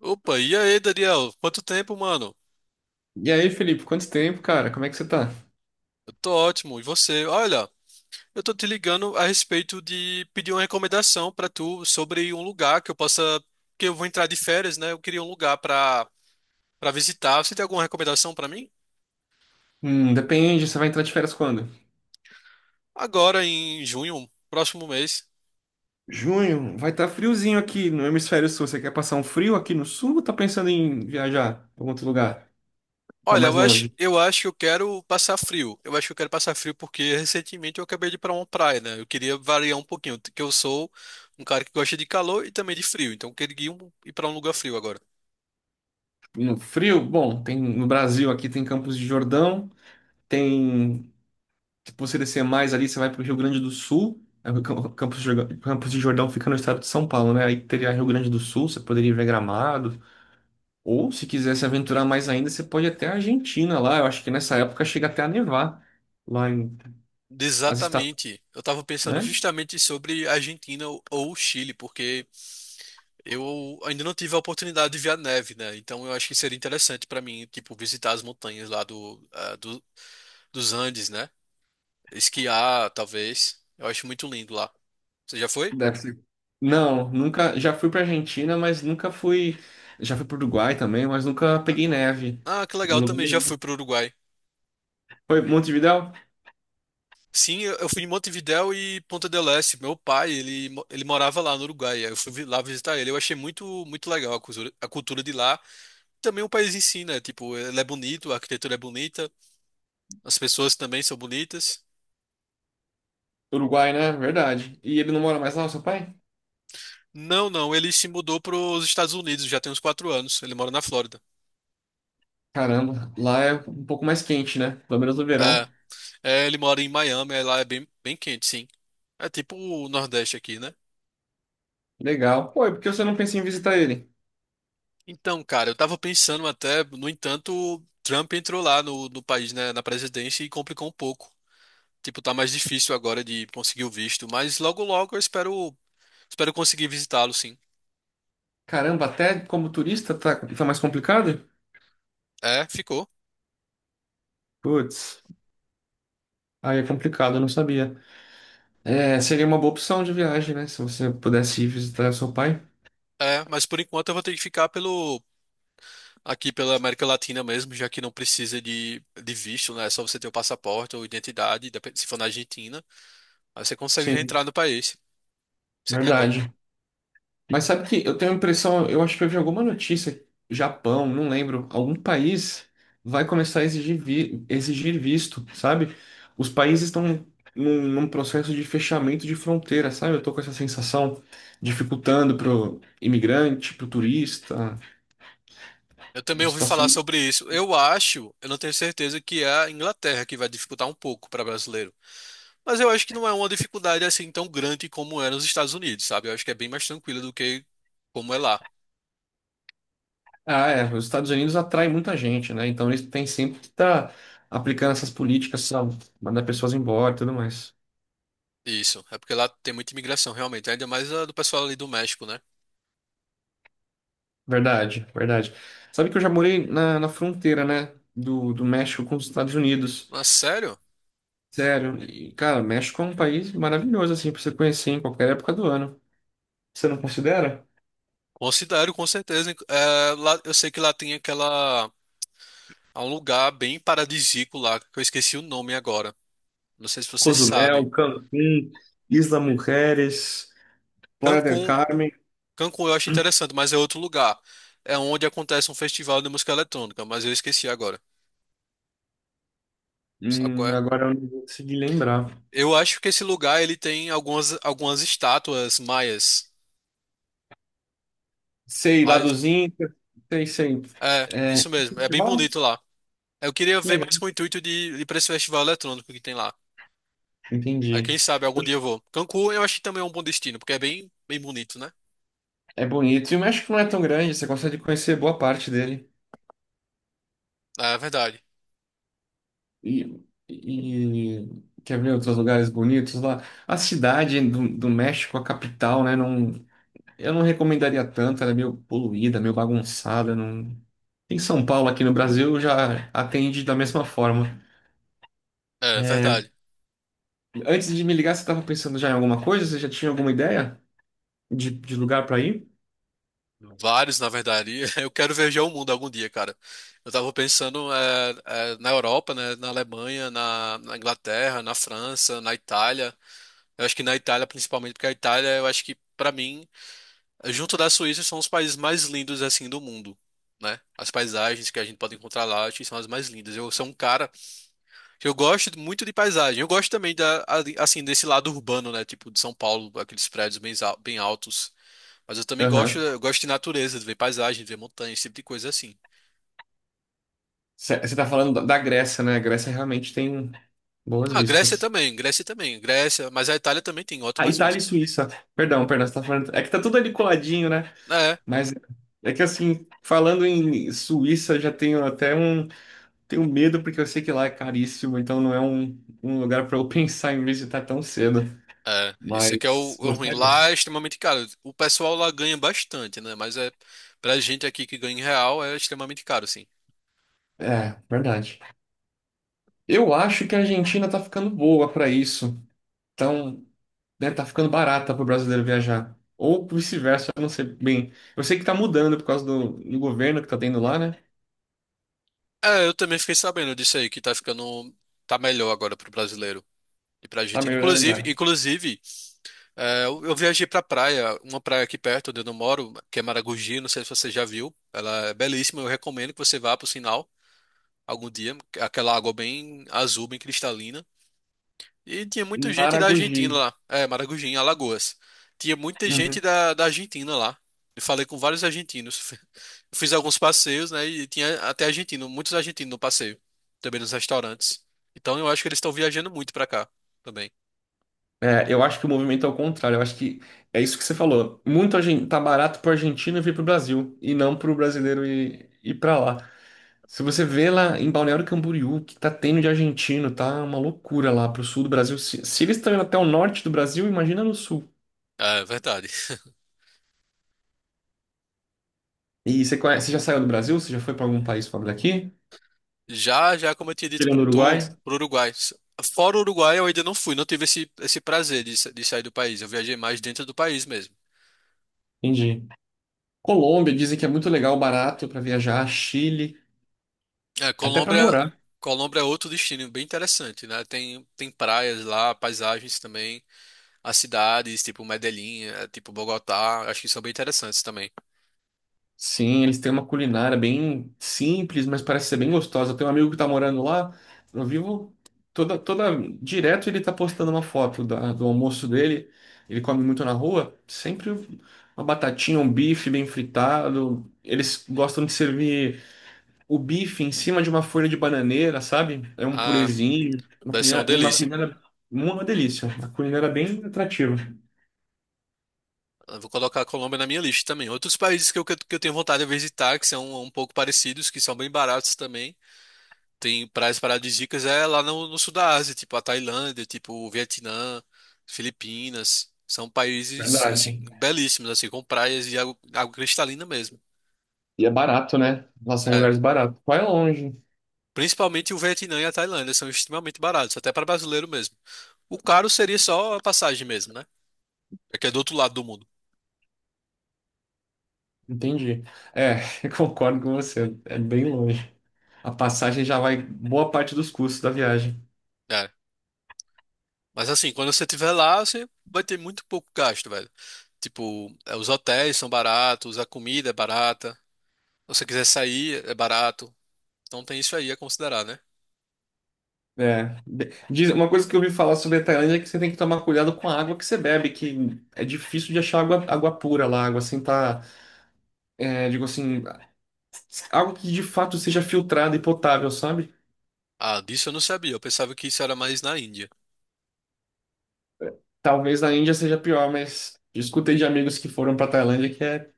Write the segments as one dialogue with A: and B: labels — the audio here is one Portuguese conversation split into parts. A: Opa, e aí, Daniel? Quanto tempo, mano?
B: E aí, Felipe, quanto tempo, cara? Como é que você tá?
A: Eu tô ótimo. E você? Olha, eu tô te ligando a respeito de pedir uma recomendação pra tu sobre um lugar que eu possa, que eu vou entrar de férias, né? Eu queria um lugar pra para visitar. Você tem alguma recomendação pra mim?
B: Depende, você vai entrar de férias quando?
A: Agora em junho, próximo mês.
B: Junho, vai estar friozinho aqui no hemisfério sul. Você quer passar um frio aqui no sul ou tá pensando em viajar pra algum outro lugar? Pra
A: Olha,
B: mais
A: eu acho,
B: longe?
A: eu acho que eu quero passar frio. Eu acho que eu quero passar frio porque recentemente eu acabei de ir pra uma praia, né? Eu queria variar um pouquinho, que eu sou um cara que gosta de calor e também de frio, então eu queria ir pra um lugar frio agora.
B: No frio, bom, tem no Brasil, aqui tem Campos de Jordão, tem. Se você descer mais ali, você vai pro Rio Grande do Sul. Aí o Campos de Jordão, fica no estado de São Paulo, né? Aí teria Rio Grande do Sul, você poderia ver Gramado. Ou, se quiser se aventurar mais ainda, você pode ir até a Argentina lá. Eu acho que nessa época chega até a nevar lá em as estatuas,
A: Exatamente. Eu estava pensando
B: né?
A: justamente sobre Argentina ou Chile, porque eu ainda não tive a oportunidade de ver a neve, né? Então eu acho que seria interessante para mim, tipo, visitar as montanhas lá dos Andes, né? Esquiar, talvez. Eu acho muito lindo lá. Você já foi?
B: Deve ser. Não, nunca. Já fui para Argentina, mas nunca fui. Já fui para Uruguai também, mas nunca
A: Ah,
B: peguei neve
A: ah, que
B: em
A: legal, eu
B: lugar
A: também já
B: nenhum.
A: fui para o Uruguai.
B: Foi Montevidéu?
A: Sim, eu fui em Montevidéu e Ponta del Este. Meu pai, ele, ele morava lá no Uruguai. Aí eu fui lá visitar ele. Eu achei muito, muito legal a cultura de lá. Também o país ensina, tipo, ele é bonito, a arquitetura é bonita, as pessoas também são bonitas.
B: Uruguai, né? Verdade. E ele não mora mais lá, o seu pai?
A: Não, não, ele se mudou para os Estados Unidos, já tem uns quatro anos, ele mora na Flórida.
B: Caramba, lá é um pouco mais quente, né? Pelo menos no verão.
A: É, é, ele mora em Miami, aí lá é bem, bem quente, sim. É tipo o Nordeste aqui, né?
B: Legal. Pô, e por que você não pensa em visitar ele?
A: Então, cara, eu tava pensando até, no entanto, Trump entrou lá no país, né, na presidência e complicou um pouco. Tipo, tá mais difícil agora de conseguir o visto, mas logo logo eu espero, espero conseguir visitá-lo, sim.
B: Caramba, até como turista tá, tá mais complicado?
A: É, ficou.
B: Putz. Aí é complicado, eu não sabia. É, seria uma boa opção de viagem, né? Se você pudesse ir visitar seu pai.
A: É, mas por enquanto eu vou ter que aqui pela América Latina mesmo, já que não precisa de visto, né? É só você ter o passaporte ou identidade, se for na Argentina, aí você consegue já
B: Sim,
A: entrar no país. Isso é que é bom.
B: verdade. Mas sabe que eu tenho a impressão, eu acho que eu vi alguma notícia, Japão, não lembro, algum país vai começar a exigir, exigir visto, sabe? Os países estão num processo de fechamento de fronteira, sabe? Eu tô com essa sensação, dificultando pro imigrante, pro turista,
A: Eu também
B: uma
A: ouvi falar
B: situação.
A: sobre isso. Eu acho, eu não tenho certeza que é a Inglaterra que vai dificultar um pouco para brasileiro. Mas eu acho que não é uma dificuldade assim tão grande como é nos Estados Unidos, sabe? Eu acho que é bem mais tranquilo do que como é lá.
B: Ah, é. Os Estados Unidos atraem muita gente, né? Então eles têm sempre que estar aplicando essas políticas, sabe? Mandar pessoas embora e tudo mais.
A: Isso. É porque lá tem muita imigração, realmente. Ainda mais a do pessoal ali do México, né?
B: Verdade, verdade. Sabe que eu já morei na, na fronteira, né? Do México com os Estados Unidos.
A: Mas sério?
B: Sério. E, cara, México é um país maravilhoso, assim, pra você conhecer em qualquer época do ano. Você não considera?
A: Considero, com certeza. É, lá, eu sei que lá tem aquela, há um lugar bem paradisíaco lá, que eu esqueci o nome agora. Não sei se você sabe.
B: Cozumel, Cancún, Isla Mujeres, Playa del
A: Cancún.
B: Carmen.
A: Cancún eu acho interessante, mas é outro lugar. É onde acontece um festival de música eletrônica, mas eu esqueci agora. Sabe qual é?
B: Agora eu não vou conseguir lembrar.
A: Eu acho que esse lugar ele tem algumas, algumas estátuas maias.
B: Sei, lá
A: Mas,
B: dos Incas. Sei, sei.
A: é, isso mesmo. É bem
B: Festival?
A: bonito lá. Eu queria ver mais com o intuito de ir pra esse festival eletrônico que tem lá. Aí
B: Entendi.
A: quem sabe algum dia eu vou. Cancún eu acho que também é um bom destino, porque é bem, bem bonito, né?
B: É bonito. E o México não é tão grande, você consegue conhecer boa parte dele.
A: Ah, é verdade.
B: E, e- quer ver outros lugares bonitos lá? A cidade do México, a capital, né? Não, eu não recomendaria tanto, ela é meio poluída, meio bagunçada. Não. Em São Paulo, aqui no Brasil, já atende da mesma forma.
A: É é
B: É,
A: verdade.
B: antes de me ligar, você estava pensando já em alguma coisa? Você já tinha alguma ideia de lugar para ir?
A: Vários, na verdade. Eu quero viajar o mundo algum dia, cara. Eu tava pensando na Europa, né? Na Alemanha, na Inglaterra, na França, na Itália. Eu acho que na Itália, principalmente, porque a Itália, eu acho que, pra mim, junto da Suíça, são os países mais lindos, assim, do mundo, né? As paisagens que a gente pode encontrar lá, acho que são as mais lindas. Eu sou um cara. Eu gosto muito de paisagem. Eu gosto também assim, desse lado urbano, né? Tipo de São Paulo, aqueles prédios bem altos. Mas eu também gosto,
B: Aham.
A: eu gosto de natureza, de ver paisagem, de ver montanhas, esse tipo de coisa assim.
B: Você está falando da Grécia, né? A Grécia realmente tem boas
A: Ah, Grécia
B: vistas.
A: também, Grécia também, Grécia, mas a Itália também tem
B: Ah,
A: ótimas
B: Itália e
A: vistas.
B: Suíça. Perdão, perdão, você tá falando. É que tá tudo ali coladinho, né?
A: É,
B: Mas é que assim, falando em Suíça, eu já tenho até um. Tenho medo, porque eu sei que lá é caríssimo, então não é um, um lugar para eu pensar em visitar tão cedo.
A: é. Esse aqui é
B: Mas
A: o ruim.
B: gostaria.
A: Lá é extremamente caro. O pessoal lá ganha bastante, né? Mas é pra gente aqui que ganha em real é extremamente caro, sim.
B: É, verdade. Eu acho que a Argentina tá ficando boa para isso. Então, né, tá ficando barata para o brasileiro viajar. Ou vice-versa, eu não sei bem. Eu sei que tá mudando por causa do governo que tá tendo lá, né?
A: É, eu também fiquei sabendo disso aí, que tá ficando, tá melhor agora pro brasileiro e pra
B: Tá
A: Argentina.
B: melhorando,
A: Inclusive,
B: né?
A: inclusive, é, eu viajei pra praia, uma praia aqui perto onde eu não moro, que é Maragogi, não sei se você já viu. Ela é belíssima, eu recomendo que você vá pro sinal algum dia, aquela água bem azul, bem cristalina. E tinha muita gente da
B: Maragogi.
A: Argentina lá, é, Maragogi, em Alagoas. Tinha muita gente
B: Uhum.
A: da Argentina lá. Eu falei com vários argentinos. Fiz alguns passeios, né? E tinha até argentino, muitos argentinos no passeio, também nos restaurantes. Então eu acho que eles estão viajando muito pra cá também.
B: É, eu acho que o movimento é o contrário. Eu acho que é isso que você falou. Muito tá barato pro argentino vir pro Brasil e não pro brasileiro ir, ir para lá. Se você vê lá em Balneário Camboriú, o que tá tendo de argentino, tá uma loucura lá pro sul do Brasil. Se eles estão indo até o norte do Brasil, imagina no sul.
A: É verdade.
B: E você conhece, você já saiu do Brasil? Você já foi para algum país fora daqui?
A: Já, já, como eu tinha dito pra
B: Tirando o Uruguai?
A: tu, pro Uruguai. Fora o Uruguai, eu ainda não fui, não tive esse prazer de, de sair do país. Eu viajei mais dentro do país mesmo.
B: Entendi. Colômbia, dizem que é muito legal, barato para viajar. Chile,
A: É,
B: até para
A: Colômbia,
B: morar.
A: Colômbia é outro destino bem interessante, né? Tem, tem praias lá, paisagens também, as cidades, tipo Medellín, é, tipo Bogotá, acho que são bem interessantes também.
B: Sim, eles têm uma culinária bem simples, mas parece ser bem gostosa. Eu tenho um amigo que tá morando lá, eu vivo toda direto ele tá postando uma foto do almoço dele. Ele come muito na rua, sempre uma batatinha, um bife bem fritado. Eles gostam de servir o bife em cima de uma folha de bananeira, sabe? É um
A: Ah,
B: purezinho, uma
A: deve ser uma
B: culinária, uma
A: delícia.
B: culinária, uma delícia, uma culinária bem atrativa,
A: Eu vou colocar a Colômbia na minha lista também. Outros países que eu, que eu tenho vontade de visitar, que são um pouco parecidos, que são bem baratos também. Tem praias paradisíacas é lá no sul da Ásia, tipo a Tailândia, tipo o Vietnã, Filipinas. São países,
B: verdade.
A: assim, belíssimos, assim, com praias e água, água cristalina mesmo.
B: E é barato, né? Lá são
A: É.
B: lugares baratos. Vai longe.
A: Principalmente o Vietnã e a Tailândia são extremamente baratos, até para brasileiro mesmo. O caro seria só a passagem mesmo, né? É que é do outro lado do mundo.
B: Entendi. É, eu concordo com você. É bem longe. A passagem já vai boa parte dos custos da viagem.
A: É. Mas assim, quando você estiver lá, você vai ter muito pouco gasto, velho. Tipo, é os hotéis são baratos, a comida é barata. Se você quiser sair, é barato. Então tem isso aí a considerar, né?
B: É. Diz, uma coisa que eu ouvi falar sobre a Tailândia é que você tem que tomar cuidado com a água que você bebe, que é difícil de achar água, água pura lá, água assim tá, é, digo assim, água que de fato seja filtrada e potável, sabe?
A: Ah, disso eu não sabia. Eu pensava que isso era mais na Índia.
B: Talvez na Índia seja pior, mas eu escutei de amigos que foram pra Tailândia que é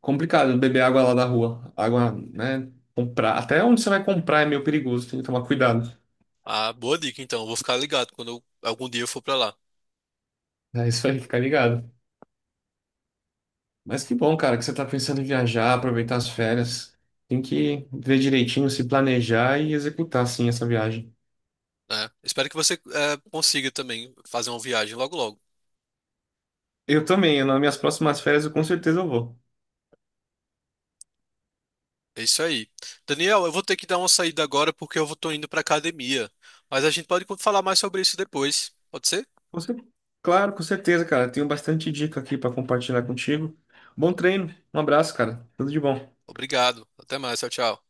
B: complicado beber água lá da rua. Água, né? Comprar. Até onde você vai comprar é meio perigoso, tem que tomar cuidado.
A: Ah, boa dica, então. Eu vou ficar ligado quando algum dia eu for pra lá,
B: É isso aí, fica ligado. Mas que bom, cara, que você tá pensando em viajar, aproveitar as férias. Tem que ver direitinho, se planejar e executar, sim, essa viagem.
A: né? Espero que você consiga também fazer uma viagem logo logo.
B: Eu também, nas minhas próximas férias, eu com certeza eu vou.
A: É isso aí. Daniel, eu vou ter que dar uma saída agora porque eu tô indo pra academia. Mas a gente pode falar mais sobre isso depois. Pode ser?
B: Com cer- Claro, com certeza, cara. Tenho bastante dica aqui pra compartilhar contigo. Bom treino, um abraço, cara. Tudo de bom.
A: Obrigado. Até mais. Tchau, tchau.